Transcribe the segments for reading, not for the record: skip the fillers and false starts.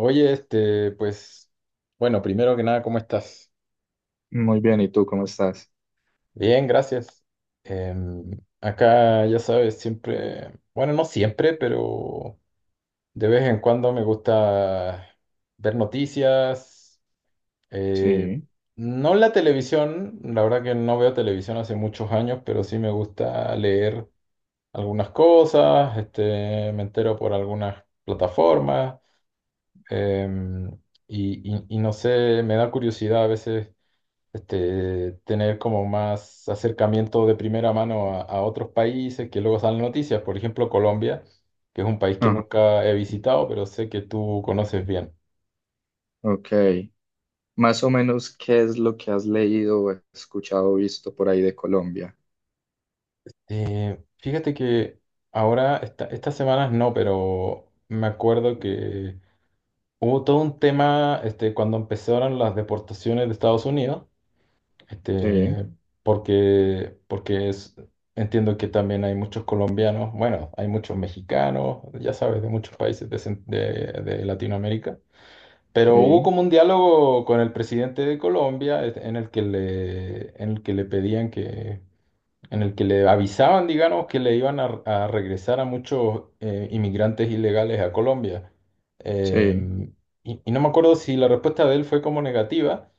Oye, este, pues, bueno, primero que nada, ¿cómo estás? Muy bien, ¿y tú cómo estás? Bien, gracias. Em, acá, ya sabes, siempre, bueno, no siempre, pero de vez en cuando me gusta ver noticias. eh, Sí. no la televisión, la verdad que no veo televisión hace muchos años, pero sí me gusta leer algunas cosas, este, me entero por algunas plataformas, em, y no sé, me da curiosidad a veces este, tener como más acercamiento de primera mano a otros países que luego salen noticias. Por ejemplo, Colombia, que es un país que Ajá. nunca he visitado, pero sé que tú conoces bien. Ok. Más o menos, ¿qué es lo que has leído, o escuchado, o visto por ahí de Colombia? Fíjate que ahora, estas semanas no, pero me acuerdo que hubo todo un tema este, cuando empezaron las deportaciones de Estados Unidos. Sí, Este, porque es, entiendo que también hay muchos colombianos, bueno, hay muchos mexicanos, ya sabes, de muchos países de, de Latinoamérica. Pero hubo sí, como un diálogo con el presidente de Colombia este, en el que le pedían que, en el que le avisaban, digamos, que le iban a regresar a muchos inmigrantes ilegales a Colombia. sí, Em, y no me acuerdo si la respuesta de él fue como negativa.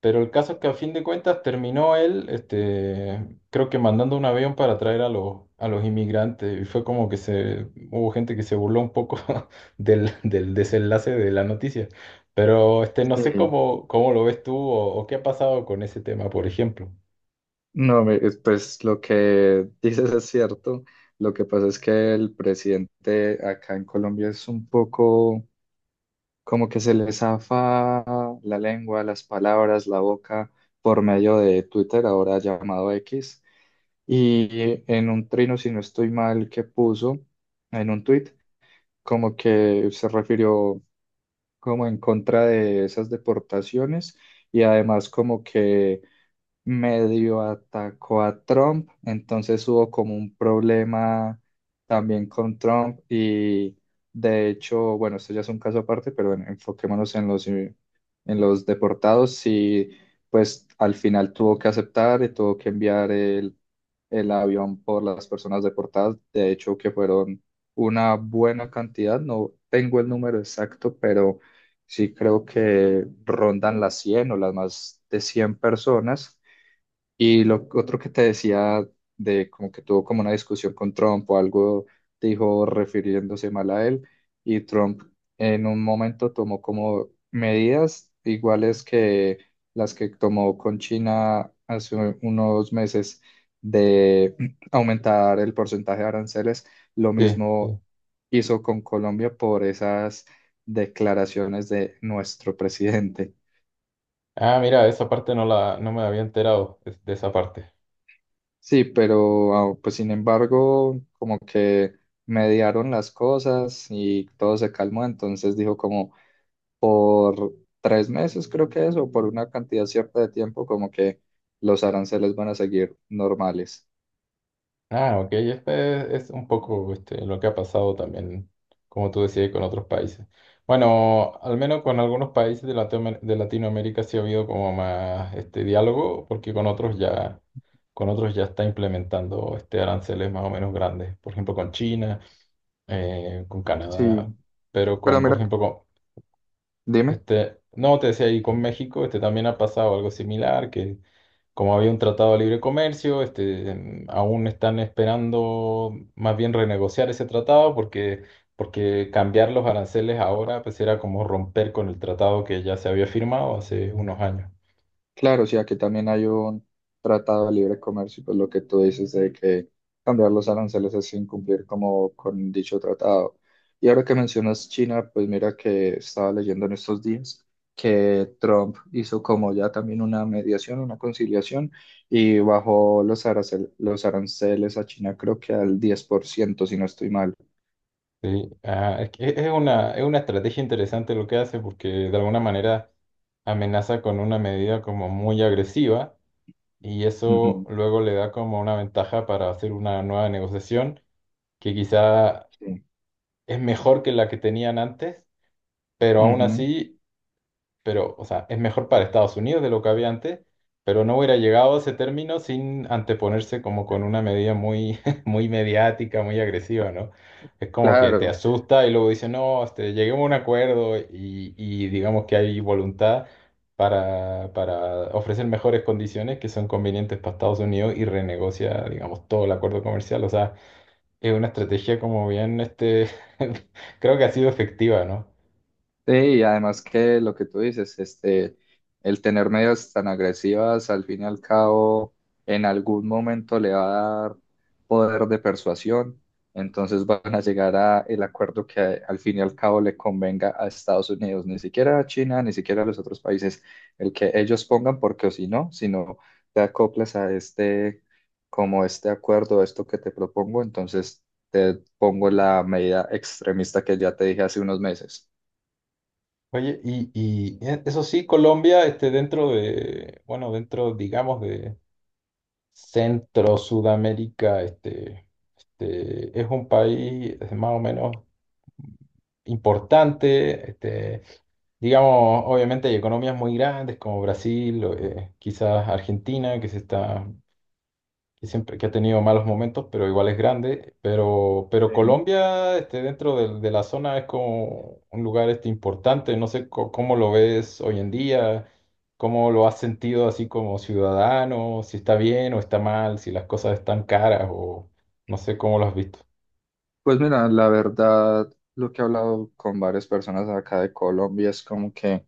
Pero el caso es que a fin de cuentas terminó él, este, creo que mandando un avión para traer a los inmigrantes. Y fue como que se, hubo gente que se burló un poco del desenlace de la noticia. Pero este, no sé sí. cómo lo ves tú o qué ha pasado con ese tema, por ejemplo. No, pues lo que dices es cierto. Lo que pasa es que el presidente acá en Colombia es un poco como que se le zafa la lengua, las palabras, la boca por medio de Twitter, ahora llamado X. Y en un trino, si no estoy mal, que puso en un tuit, como que se refirió como en contra de esas deportaciones y además como que medio atacó a Trump, entonces hubo como un problema también con Trump y de hecho, bueno, esto ya es un caso aparte, pero bueno, enfoquémonos en los deportados y pues al final tuvo que aceptar y tuvo que enviar el avión por las personas deportadas, de hecho que fueron una buena cantidad. No tengo el número exacto, pero sí creo que rondan las 100 o las más de 100 personas. Y lo otro que te decía, de como que tuvo como una discusión con Trump o algo, dijo refiriéndose mal a él, y Trump en un momento tomó como medidas iguales que las que tomó con China hace unos meses, de aumentar el porcentaje de aranceles. Lo Sí, mismo sí. hizo con Colombia por esas declaraciones de nuestro presidente. Ah, mira, esa parte no la, no me había enterado de esa parte. Sí, pero ah, pues sin embargo, como que mediaron las cosas y todo se calmó, entonces dijo como por 3 meses, creo que es, o por una cantidad cierta de tiempo, como que los aranceles van a seguir normales. Ah, ok, este es un poco este, lo que ha pasado también, como tú decías, con otros países. Bueno, al menos con algunos países de, de Latinoamérica sí ha habido como más este diálogo, porque con otros ya está implementando este aranceles más o menos grandes. Por ejemplo, con China, con Sí, Canadá, pero pero con, por mira, ejemplo, con, dime. este, no, te decía, y con México este, también ha pasado algo similar, que como había un tratado de libre comercio, este, aún están esperando más bien renegociar ese tratado porque, porque cambiar los aranceles ahora pues era como romper con el tratado que ya se había firmado hace unos años. Claro, sí, aquí también hay un tratado de libre comercio, y pues lo que tú dices de que cambiar los aranceles es incumplir como con dicho tratado. Y ahora que mencionas China, pues mira que estaba leyendo en estos días que Trump hizo como ya también una mediación, una conciliación, y bajó los aranceles a China creo que al 10%, si no estoy mal. Sí, ah, es una estrategia interesante lo que hace porque de alguna manera amenaza con una medida como muy agresiva y eso Ujú, luego le da como una ventaja para hacer una nueva negociación que quizá sí. es mejor que la que tenían antes, pero aún Ujú, así pero, o sea, es mejor para Estados Unidos de lo que había antes, pero no hubiera llegado a ese término sin anteponerse como con una medida muy, muy mediática, muy agresiva, ¿no? Es como que te claro, asusta y luego dice, no, este, lleguemos a un acuerdo y digamos que hay voluntad para ofrecer mejores condiciones que son convenientes para Estados Unidos y renegocia, digamos, todo el acuerdo comercial. O sea, es una estrategia como bien, este, creo que ha sido efectiva, ¿no? sí, y además que lo que tú dices, este, el tener medidas tan agresivas, al fin y al cabo, en algún momento le va a dar poder de persuasión, entonces van a llegar a el acuerdo que al fin y al cabo le convenga a Estados Unidos, ni siquiera a China, ni siquiera a los otros países, el que ellos pongan, porque o si no, te acoplas a este, como este acuerdo, esto que te propongo, entonces te pongo la medida extremista que ya te dije hace unos meses. Oye, eso sí, Colombia, este, dentro de, bueno, dentro, digamos, de Centro Sudamérica, este, es un país más o menos importante, este, digamos, obviamente hay economías muy grandes como Brasil, o, quizás Argentina, que se está que siempre que ha tenido malos momentos, pero igual es grande. Pero Sí. Colombia, este, dentro de la zona es como un lugar este, importante. No sé cómo lo ves hoy en día, cómo lo has sentido así como ciudadano, si está bien o está mal, si las cosas están caras o no sé cómo lo has visto. Pues mira, la verdad, lo que he hablado con varias personas acá de Colombia es como que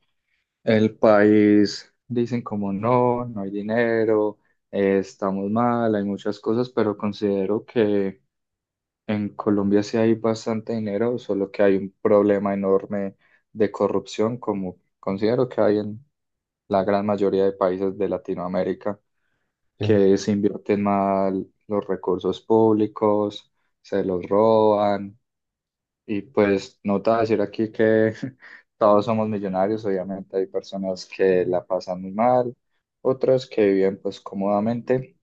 el país, dicen como no, no hay dinero, estamos mal, hay muchas cosas, pero considero que en Colombia sí hay bastante dinero, solo que hay un problema enorme de corrupción, como considero que hay en la gran mayoría de países de Latinoamérica, Sí, que se invierten mal los recursos públicos, se los roban, y pues no te voy a decir aquí que todos somos millonarios. Obviamente hay personas que la pasan muy mal, otras que viven pues cómodamente,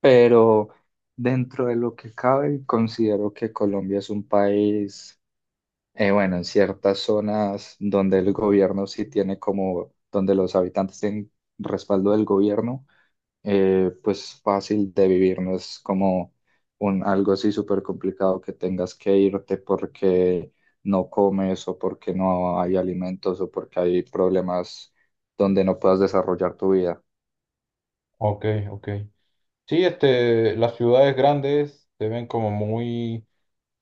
pero dentro de lo que cabe considero que Colombia es un país, bueno, en ciertas zonas donde el gobierno sí tiene como, donde los habitantes tienen respaldo del gobierno, pues fácil de vivir. No es como un algo así súper complicado que tengas que irte porque no comes o porque no hay alimentos o porque hay problemas donde no puedas desarrollar tu vida. ok, ok. Sí, este, las ciudades grandes se ven como muy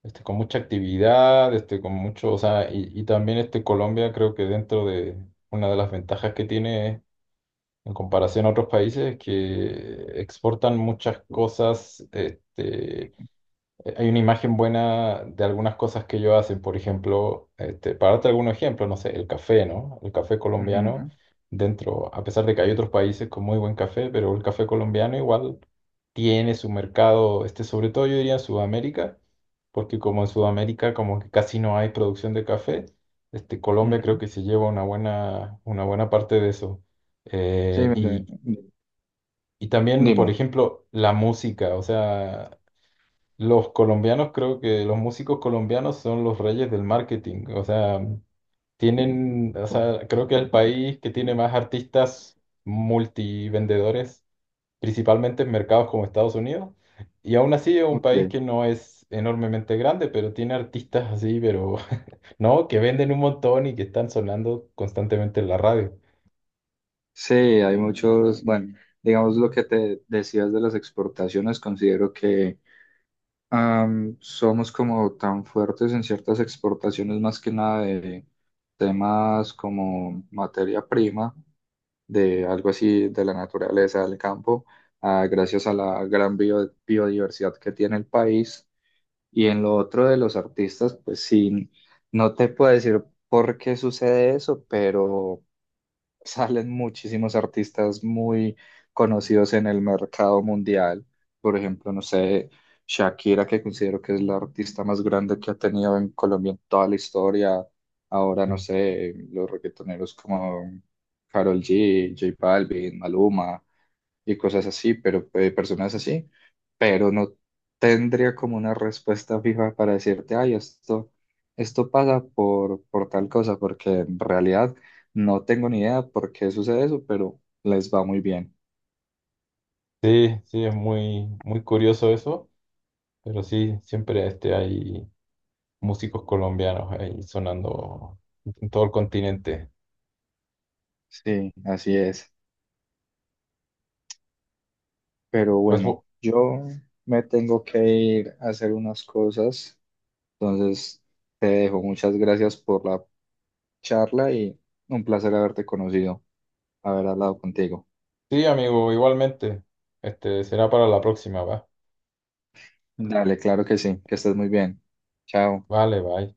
este, con mucha actividad, este, con mucho, o sea, y también este Colombia creo que dentro de una de las ventajas que tiene en comparación a otros países es que exportan muchas cosas, este, hay una imagen buena de algunas cosas que ellos hacen, por ejemplo, este, para darte algún ejemplo, no sé, el café, ¿no? El café colombiano, Ujú, dentro, a pesar de que hay otros países con muy buen café, pero el café colombiano igual tiene su mercado, este, sobre todo yo diría en Sudamérica, porque como en Sudamérica como que casi no hay producción de café, este, Colombia creo ujú. que se lleva una buena parte de eso. Sí, Eh, mire, y, y también, por dime. ejemplo, la música, o sea, los colombianos, creo que los músicos colombianos son los reyes del marketing. O sea, tienen, o sea, creo que el país que tiene más artistas multivendedores, principalmente en mercados como Estados Unidos. Y aún así es un Ok. país que no es enormemente grande, pero tiene artistas así, pero no, que venden un montón y que están sonando constantemente en la radio. Sí, hay muchos, bueno, digamos lo que te decías de las exportaciones, considero que somos como tan fuertes en ciertas exportaciones, más que nada de temas como materia prima, de algo así de la naturaleza del campo, ah, gracias a la gran biodiversidad que tiene el país. Y en lo otro de los artistas, pues sí, no te puedo decir por qué sucede eso, pero salen muchísimos artistas muy conocidos en el mercado mundial. Por ejemplo, no sé, Shakira, que considero que es la artista más grande que ha tenido en Colombia en toda la historia. Ahora, no sé, los reggaetoneros como Karol G, J Balvin, Maluma y cosas así, pero personas así. Pero no tendría como una respuesta fija para decirte, ay, esto pasa por tal cosa, porque en realidad no tengo ni idea por qué sucede eso, pero les va muy bien. Sí, sí, es muy, muy curioso eso, pero sí, siempre este, hay músicos colombianos ahí sonando en todo el continente. Sí, así es. Pero Pues bueno, bu- yo me tengo que ir a hacer unas cosas, entonces te dejo. Muchas gracias por la charla y un placer haberte conocido, haber hablado contigo. sí, amigo, igualmente. Este será para la próxima, ¿va? Dale, claro que sí, que estés muy bien. Chao. Vale, bye.